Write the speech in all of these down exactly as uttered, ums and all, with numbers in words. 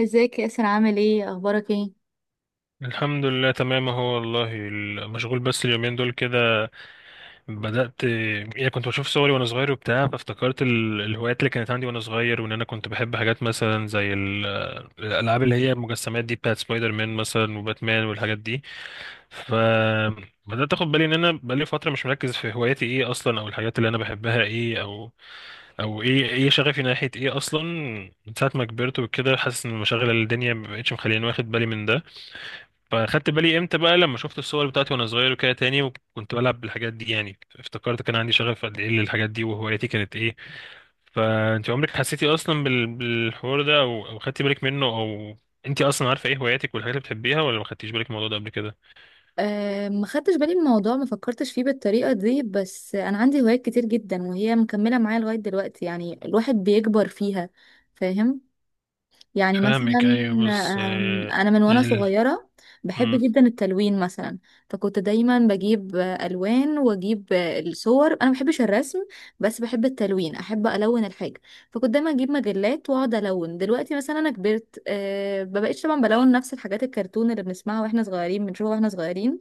ازيك يا ياسر، عامل ايه، اخبارك ايه؟ الحمد لله، تمام اهو. والله ال- مشغول بس اليومين دول كده. بدأت يعني كنت بشوف صوري وانا صغير وبتاع، فافتكرت ال- الهوايات اللي كانت عندي وانا صغير، وان انا كنت بحب حاجات مثلا زي ال- الالعاب اللي هي المجسمات دي، بتاعت سبايدر مان مثلا وباتمان والحاجات دي. فبدأت اخد بالي ان انا بقالي فترة مش مركز في هواياتي ايه اصلا، او الحاجات اللي انا بحبها ايه، او او ايه ايه شغفي ناحية ايه اصلا. من ساعة ما كبرت وكده حاسس ان مشاغل الدنيا مبقتش مخليني واخد بالي من ده. فاخدت بالي امتى بقى، لما شفت الصور بتاعتي وانا صغير وكده تاني وكنت بلعب بالحاجات دي، يعني افتكرت كان عندي شغف قد ايه للحاجات دي وهوايتي كانت ايه. فانت عمرك حسيتي اصلا بال- بالحوار ده، او او خدتي بالك منه؟ او انت اصلا عارفه ايه هواياتك والحاجات اللي بتحبيها، ولا ما خدتيش بالك من الموضوع ده قبل كده؟ أه، ما خدتش بالي من الموضوع، ما فكرتش فيه بالطريقة دي، بس أنا عندي هوايات كتير جدا وهي مكملة معايا لغاية دلوقتي، يعني الواحد بيكبر فيها. فاهم. يعني مثلا. فاهمك، ايوه بس آم، آه، انا من وانا يعني صغيره بحب ال- جدا التلوين مثلا. فكنت دايما بجيب آه، الوان، واجيب آه، الصور. انا ما بحبش الرسم بس بحب التلوين، احب الون الحاجه. فكنت دايما اجيب مجلات واقعد الون. دلوقتي مثلا انا كبرت، آه، ما بقتش طبعا بلون نفس الحاجات، الكرتون اللي بنسمعها واحنا صغيرين بنشوفها واحنا صغيرين،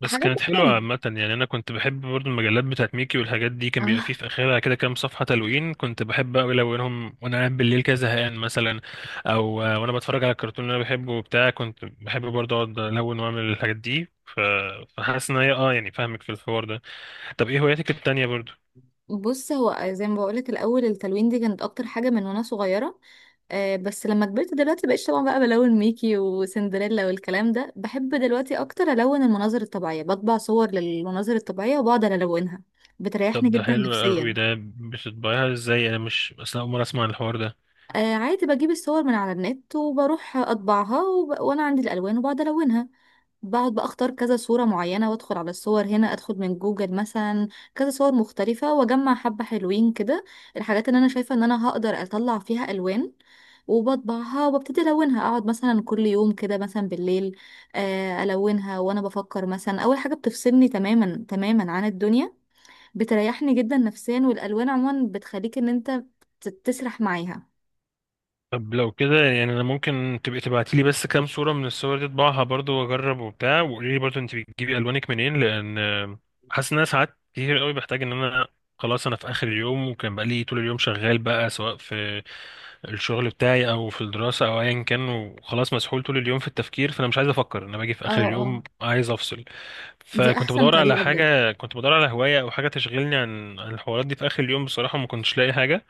بس حاجات كانت بقى حلوة تانية. عامة. يعني أنا كنت بحب برضو المجلات بتاعت ميكي والحاجات دي، كان بيبقى فيه آه، في آخرها كده كام صفحة تلوين، كنت بحب أوي ألونهم وأنا قاعد بالليل كده زهقان مثلا. أو آه، وأنا بتفرج على الكرتون اللي أنا بحبه وبتاع، كنت بحب برضو أقعد ألون وأعمل الحاجات دي ف... فحاسس إن هي أه، يعني فاهمك في الحوار ده. طب إيه هواياتك التانية برضو؟ بص، هو زي ما بقولك، الاول التلوين دي كانت اكتر حاجه من وانا صغيره. آه، بس لما كبرت دلوقتي بقيت طبعا بقى بلون ميكي وسندريلا والكلام ده. بحب دلوقتي اكتر الون المناظر الطبيعيه، بطبع صور للمناظر الطبيعيه وبقعد الونها. بتريحني طب ده جدا حلو أوي، نفسيا. ده بتطبعيها إزاي؟ أنا مش أصلا، أول مرة أسمع عن الحوار ده. آه، عادي، بجيب الصور من على النت وبروح اطبعها، وب... وانا عندي الالوان وبقعد الونها. بقعد بقى اختار كذا صورة معينة وادخل على الصور، هنا ادخل من جوجل مثلا، كذا صور مختلفة واجمع حبة حلوين كده، الحاجات اللي انا شايفة ان انا هقدر اطلع فيها الوان، وبطبعها وببتدي الونها. اقعد مثلا كل يوم كده مثلا بالليل، آه، الونها وانا بفكر. مثلا اول حاجة بتفصلني تماما تماما عن الدنيا، بتريحني جدا نفسيا، والالوان عموما بتخليك ان انت تت- تسرح معاها. طب لو كده، يعني انا ممكن تبقي تبعتي لي بس كام صورة من الصور دي اطبعها برضو واجرب وبتاع، وقولي لي برضو انت بتجيبي الوانك منين، لان آه، حاسس ان انا ساعات كتير قوي بحتاج ان انا خلاص، انا في اخر اليوم وكان بقى لي طول اليوم شغال بقى، سواء في الشغل بتاعي او في الدراسة او ايا كان، وخلاص مسحول طول اليوم في التفكير، فانا مش عايز افكر، انا باجي في اه، اخر اه، اليوم عايز افصل. دي فكنت احسن بدور على طريقة بجد. حاجة، كنت بدور على هواية او حاجة تشغلني عن عن الحوارات دي في اخر اليوم، بصراحة ما كنتش لاقي حاجة.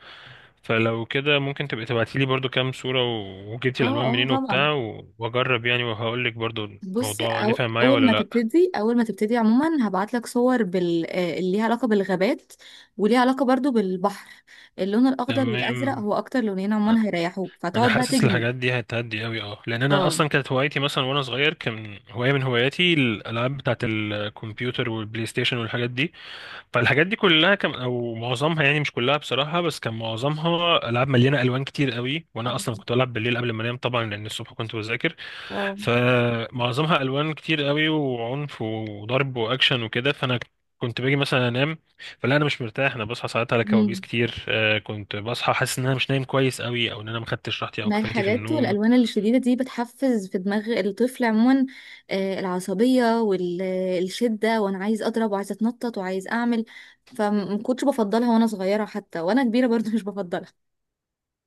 فلو كده ممكن تبقي تبعتي لي برضو كام صورة و- وجبتي اه، الألوان اه، منين طبعا. وبتاع و- وأجرب يعني، وهقول لك برضو بص، الموضوع أو نفع معايا اول ولا ما لأ. تبتدي اول ما تبتدي عموما هبعت لك صور بال... آه، اللي ليها علاقه بالغابات وليها علاقه برضو بالبحر. اللون الاخضر والازرق تمام. هو اكتر لونين عموما هيريحوك، أنا فتقعد بقى حاسس تجمد. الحاجات دي هتهدي أوي أه، لأن أنا اه. أصلا كانت هوايتي مثلا وأنا صغير، كان هواية من هواياتي الألعاب بتاعة الكمبيوتر والبلاي ستيشن والحاجات دي. فالحاجات دي كلها كان أو معظمها، يعني مش كلها بصراحة بس كان معظمها، ألعاب مليانة ألوان كتير أوي، وأنا اه. أصلا كنت بلعب بالليل قبل ما أنام طبعا لأن الصبح كنت بذاكر. آه. فمعظمها الوان كتير قوي وعنف وضرب واكشن وكده، فانا كنت باجي مثلا انام فلا، انا مش مرتاح، انا بصحى ساعات على كوابيس مم. كتير. آه، كنت بصحى حاسس ان انا مش نايم كويس قوي، او ان انا ما خدتش راحتي او ما كفايتي في الحاجات النوم. والالوان الشديده دي بتحفز في دماغ الطفل عموما آه، العصبيه والشده، وانا عايز اضرب وعايز اتنطط وعايز اعمل، فما كنتش بفضلها وانا صغيره، حتى وانا كبيره برضو مش بفضلها.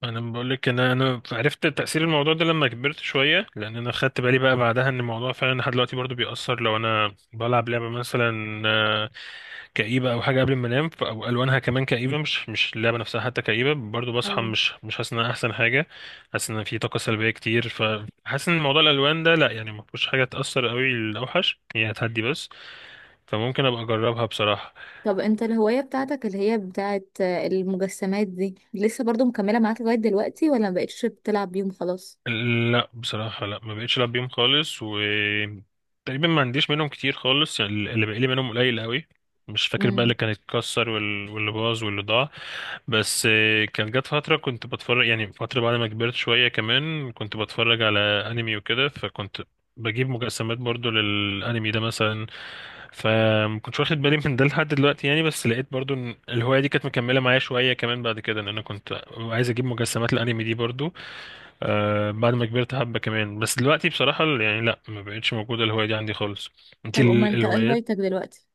انا بقول لك ان انا عرفت تاثير الموضوع ده لما كبرت شويه، لان انا خدت بالي بقى بعدها ان الموضوع فعلا لحد دلوقتي برضو بيأثر. لو انا بلعب لعبه مثلا آه، كئيبة أو حاجة قبل ما أنام، ف- أو ألوانها كمان كئيبة، مش مش اللعبة نفسها حتى كئيبة، برضو بصحى اه. مش مش حاسس إنها أحسن حاجة. حاسس إن في طاقة سلبية كتير، فحاسس إن موضوع الألوان ده لأ، يعني ما فيهوش حاجة تأثر قوي، الأوحش هي هتهدي بس. فممكن أبقى أجربها بصراحة. طب انت الهواية بتاعتك اللي هي بتاعت آه، المجسمات دي لسه برضو مكملة معاك لغاية دلوقتي ولا مبقتش بتلعب بيهم خلاص؟ لا بصراحة لا، ما بقتش العب بيهم خالص، و تقريبا ما عنديش منهم كتير خالص، يعني اللي بقالي منهم قليل قوي. مش فاكر بقى اللي امم. كان اتكسر وال- واللي باظ واللي ضاع. بس آه، كان جت فترة كنت بتفرج، يعني فترة بعد ما كبرت شوية كمان كنت بتفرج على انمي وكده، فكنت بجيب مجسمات برضو للانمي ده مثلا. فمكنتش واخد بالي من ده لحد دلوقتي يعني، بس لقيت برضو ان الهواية دي كانت مكملة معايا شوية كمان بعد كده، ان انا كنت عايز اجيب مجسمات الانمي دي برضو آه بعد ما كبرت حبة كمان. بس دلوقتي بصراحة ال- يعني لا، ما بقتش موجودة الهواية دي عندي خالص. انت طب امال ال- انت ايه الهوايات هوايتك دلوقتي؟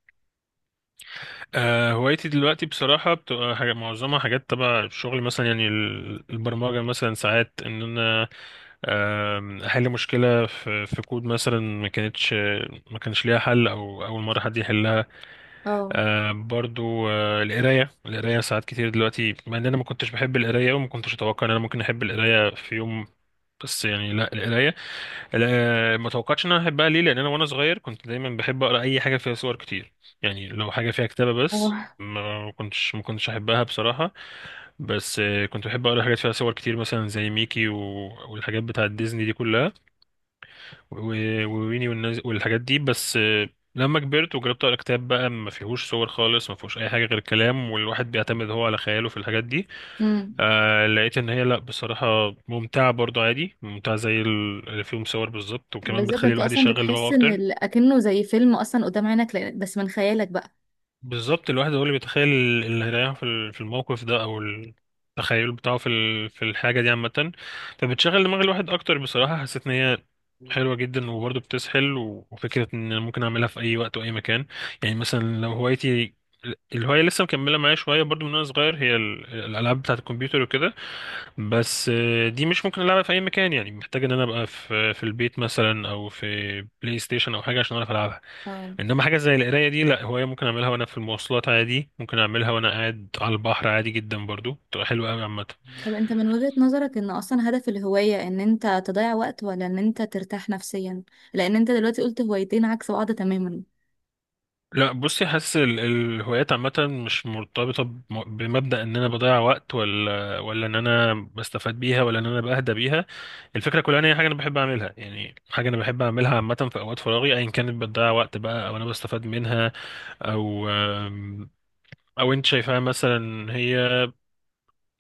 آه، هوايتي دلوقتي بصراحة بتبقى حاجة معظمها حاجات تبع الشغل مثلا، يعني ال- البرمجة مثلا ساعات ان انا آم، احل مشكلة في في كود مثلا، ما كانتش ما كانش ليها حل او اول مرة حد يحلها. اه. آه، برضو آه، القراية القراية ساعات كتير دلوقتي، مع ان انا ما كنتش بحب القراية، وما كنتش اتوقع ان انا ممكن احب القراية في يوم. بس يعني لا، القراية لا، ما توقعتش ان انا احبها ليه، لان انا وانا صغير كنت دايما بحب اقرا اي حاجه فيها صور كتير. يعني لو حاجه فيها كتابه بس، اه. ما كنتش ما كنتش احبها بصراحه. بس آه، كنت بحب اقرا حاجات فيها صور كتير مثلا زي ميكي و... والحاجات بتاعه ديزني دي كلها، و- وويني والناس والحاجات دي. بس آه، لما كبرت وجربت اقرا كتاب بقى ما فيهوش صور خالص، ما فيهوش اي حاجه غير كلام والواحد بيعتمد هو على خياله في الحاجات دي، امم. آه لقيت ان هي لا بصراحة ممتعة برضو، عادي، ممتعة زي ال- اللي فيهم صور بالظبط، وكمان بالظبط، بتخلي انت الواحد اصلا يشغل دماغه بتحس ان اكتر. ال- اكنه زي فيلم اصلا قدام عينك، لأن- بس من خيالك بقى. بالظبط، الواحد هو اللي بيتخيل اللي هيريحه في ال- في الموقف ده، او التخيل بتاعه في ال- في الحاجة دي عامة. فبتشغل دماغ الواحد اكتر بصراحة، حسيت ان هي حلوة جدا، وبرضو بتسحل، و- وفكرة ان أنا ممكن اعملها في اي وقت واي مكان. يعني مثلا لو هوايتي، الهواية لسه مكملة معايا شوية برضو من وانا صغير، هي ال- الالعاب بتاعة الكمبيوتر وكده، بس آه، دي مش ممكن ألعبها في أي مكان، يعني محتاج إن أنا أبقى في في البيت مثلا أو في بلاي ستيشن أو حاجة عشان أعرف ألعبها. اه. إنما حاجة زي القراية دي لأ، هواية ممكن أعملها وأنا في المواصلات عادي، ممكن أعملها وأنا قاعد على البحر عادي جدا، برضو تبقى حلوة أوي عامة. طب انت من وجهة نظرك ان اصلا هدف الهواية ان انت تضيع وقت ولا ان انت ترتاح نفسيا؟ لان انت دلوقتي قلت هوايتين عكس بعض تماما. لا بصي، حاسس ال- الهوايات عامة مش مرتبطة بم- بمبدأ ان انا بضيع وقت، ولا ولا ان انا بستفاد بيها، ولا ان انا بهدى بيها. الفكرة كلها ان هي حاجة انا بحب اعملها، يعني حاجة انا بحب اعملها عامة في اوقات فراغي ايا كانت، بتضيع وقت بقى او انا بستفاد منها، او آم، او انت شايفاها مثلا هي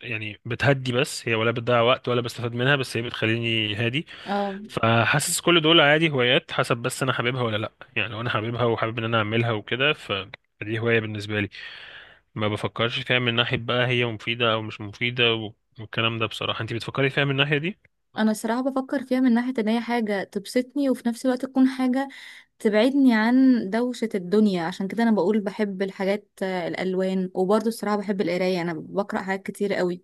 يعني بتهدي بس هي، ولا بتضيع وقت، ولا بستفاد منها بس هي بتخليني هادي. اه، فحاسس كل دول عادي هوايات، حسب بس انا حاببها ولا لا. يعني لو انا حاببها وحابب ان انا اعملها وكده، ف فدي هواية بالنسبة لي، ما بفكرش فيها من ناحية بقى هي مفيدة او مش مفيدة و... والكلام ده. بصراحة انت بتفكري فيها من الناحية دي؟ انا الصراحه بفكر فيها من ناحيه ان هي حاجه تبسطني وفي نفس الوقت تكون حاجه تبعدني عن دوشه الدنيا، عشان كده انا بقول بحب الحاجات، آه، الالوان. وبرضه الصراحه بحب القرايه، انا بقرا حاجات كتير قوي،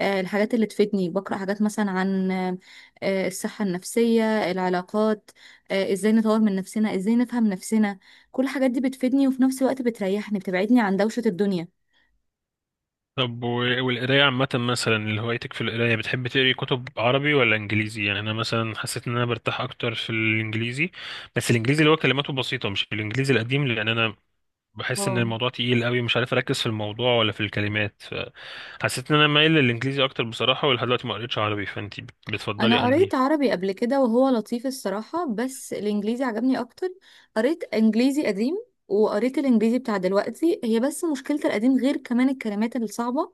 آه، الحاجات اللي تفيدني، بقرا حاجات مثلا عن آه، آه، الصحه النفسيه، العلاقات، آه، ازاي نطور من نفسنا، ازاي نفهم نفسنا. كل الحاجات دي بتفيدني وفي نفس الوقت بتريحني، بتبعدني عن دوشه الدنيا. طب و- والقراية عامة مثلا، اللي هوايتك في القراية، بتحب تقري كتب عربي ولا انجليزي؟ يعني انا مثلا حسيت ان انا برتاح اكتر في الانجليزي، بس الانجليزي اللي هو كلماته بسيطة، مش الانجليزي القديم، لان انا بحس ان اه، الموضوع تقيل قوي، مش عارف اركز في الموضوع ولا في الكلمات. حسيت ان انا مايل للانجليزي اكتر بصراحه، ولحد دلوقتي ما قريتش عربي، فانت بت- بتفضلي انا انهي؟ قريت عربي قبل كده وهو لطيف الصراحة، بس الانجليزي عجبني اكتر. قريت انجليزي قديم وقريت الانجليزي بتاع دلوقتي. هي بس مشكلة القديم، غير كمان الكلمات الصعبة،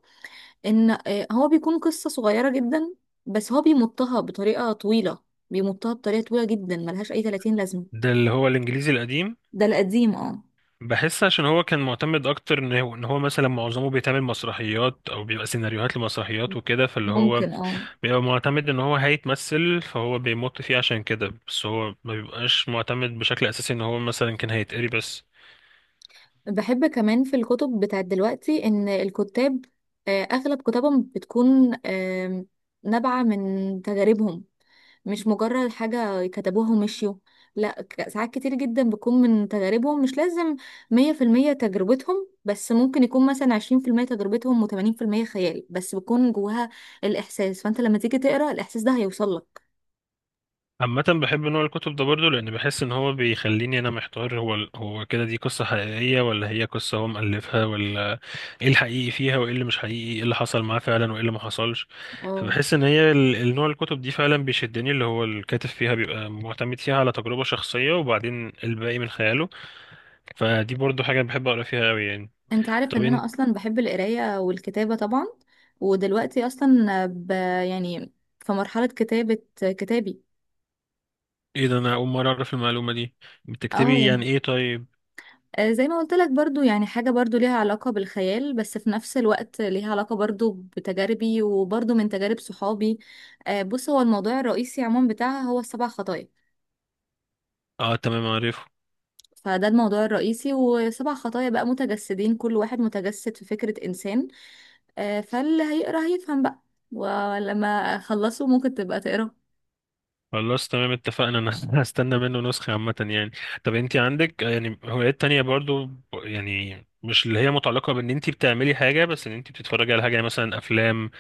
ان آه، هو بيكون قصة صغيرة جدا بس هو بيمطها بطريقة طويلة، بيمطها بطريقة طويلة جدا، ملهاش اي ثلاثين لازمة. ده اللي هو الانجليزي القديم، ده القديم، اه. بحس عشان هو كان معتمد اكتر ان هو ان هو مثلا معظمه بيتعمل مسرحيات او بيبقى سيناريوهات لمسرحيات وكده، فاللي هو ممكن، اه. بيبقى معتمد ان هو هيتمثل، فهو بيمط فيه عشان كده، بس هو ما بيبقاش معتمد بشكل اساسي ان هو مثلا كان هيتقري بس. بحب كمان في الكتب بتاعت دلوقتي ان الكتاب آه، اغلب كتبهم بتكون آم، نابعة من تجاربهم، مش مجرد حاجة كتبوها ومشيوا، لا. ك- ساعات كتير جدا بتكون من تجاربهم، مش لازم مية في المية تجربتهم، بس ممكن يكون مثلا عشرين في المية تجربتهم وتمانين في المية خيال، بس بيكون جواها الإحساس. فأنت لما تيجي تقرأ الإحساس ده هيوصلك. عامة بحب نوع الكتب ده برضه، لأن بحس إن هو بيخليني أنا محتار، هو هو كده دي قصة حقيقية، ولا هي قصة هو مؤلفها، ولا إيه الحقيقي فيها وإيه اللي مش حقيقي، إيه اللي حصل معاه فعلا وإيه اللي ما حصلش. اه، فبحس إن هي ال- النوع الكتب دي فعلا بيشدني، اللي هو الكاتب فيها بيبقى معتمد فيها على تجربة شخصية وبعدين الباقي من خياله. فدي برضه حاجة بحب أقرأ فيها أوي يعني. أنت عارف طب إن أنا أنت، أصلا بحب القراية والكتابة طبعا. ودلوقتي أصلا ب... يعني في مرحلة كتابة كتابي. إيه ده، أنا أول مرة أعرف المعلومة دي. اه، بتكتبي يعني يعني إيه طيب؟ آه، زي ما قلت لك برضو، يعني حاجة برضو ليها علاقة بالخيال بس في نفس الوقت ليها علاقة برضو بتجاربي، وبرضو من تجارب صحابي. آه، بص، هو الموضوع الرئيسي عموما بتاعها هو السبع خطايا، آه تمام عارف. فده الموضوع الرئيسي، وسبع خطايا بقى متجسدين، كل واحد متجسد في فكرة إنسان. آه، فاللي هيقرأ هيفهم بقى، ولما أخلصه ممكن تبقى تقرأ. خلاص تمام اتفقنا، انا هستنى منه نسخة عامة يعني. طب انت عندك يعني هوايات تانية برضو ب- يعني مش اللي هي متعلقة بان انت بتعملي حاجة، بس ان انت بتتفرجي على حاجة، يعني مثلا افلام،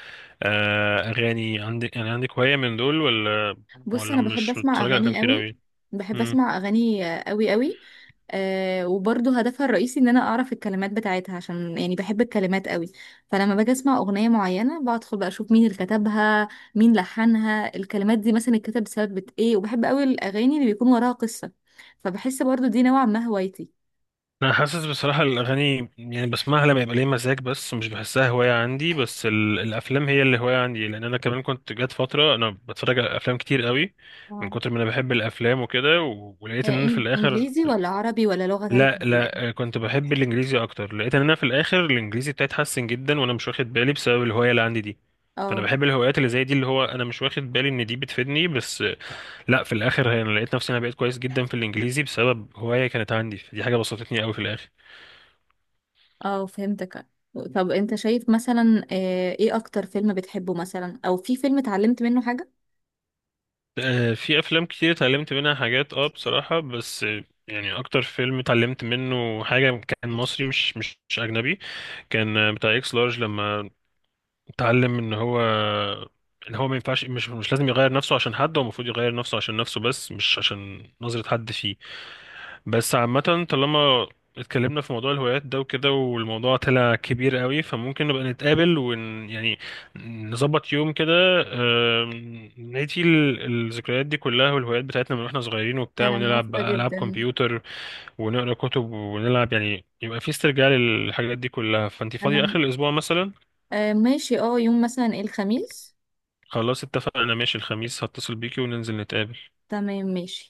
آه اغاني، عندك يعني عندك هواية من دول، ولا بص ولا انا بحب مش اسمع بتتفرجي على افلام اغاني كتير قوي، اوي؟ بحب اسمع اغاني آه، قوي قوي. أه، وبرضه هدفها الرئيسي ان انا اعرف الكلمات بتاعتها، عشان يعني بحب الكلمات قوي. فلما باجي اسمع اغنيه معينه بدخل بقى اشوف مين اللي كتبها، مين لحنها، الكلمات دي مثلا اتكتب بسبب ايه، وبحب قوي الاغاني اللي بيكون وراها قصه، فبحس برضه دي نوعا ما هوايتي. انا حاسس بصراحه الاغاني يعني بسمعها لما يبقى ليا مزاج، بس مش بحسها هوايه عندي. بس ال... الافلام هي اللي هوايه عندي، لان انا كمان كنت جات فتره انا بتفرج على افلام كتير قوي من آه. كتر ما انا بحب الافلام وكده و... ولقيت ان آه، انا في إن- الاخر انجليزي ولا عربي ولا لغه لا ثالثه ولا ايه؟ لا آه، كنت بحب الانجليزي اكتر، لقيت ان انا في الاخر الانجليزي بتاعي اتحسن جدا وانا مش واخد بالي، بسبب الهوايه اللي عندي دي. فانا اه، بحب الهوايات اللي زي دي، اللي هو انا مش واخد بالي ان دي بتفيدني، بس آه، لا في الاخر هي، انا لقيت نفسي انا بقيت كويس جدا في الانجليزي بسبب هوايه كانت عندي، فدي حاجه بسطتني قوي في الاخر. اه، فهمتك. طب انت شايف مثلا آه، ايه اكتر فيلم بتحبه مثلا، او في فيلم اتعلمت منه حاجة؟ آه، في افلام كتير اتعلمت منها حاجات اه بصراحة، بس آه، يعني اكتر فيلم اتعلمت منه حاجة كان مصري، مش مش مش اجنبي، كان آه، بتاع اكس لارج، لما اتعلم ان هو ان هو ما ينفعش، مش مش لازم يغير نفسه عشان حد، هو المفروض يغير نفسه عشان نفسه بس، مش عشان نظرة حد فيه. بس عامة، طالما اتكلمنا في موضوع الهوايات ده وكده، والموضوع طلع كبير قوي، فممكن نبقى نتقابل ون يعني نظبط يوم كده، آم، نعيد ال- الذكريات دي كلها والهوايات بتاعتنا من واحنا صغيرين وبتاع، انا ونلعب موافقة بقى ألعاب جدا. كمبيوتر ونقرا كتب ونلعب، يعني يبقى في استرجاع للحاجات دي كلها. فانت فاضية انا آخر الأسبوع مثلا؟ آه، ماشي، اه، يوم مثلا ايه، الخميس. خلاص اتفقنا، ماشي، الخميس هتصل بيكي وننزل نتقابل. تمام ماشي.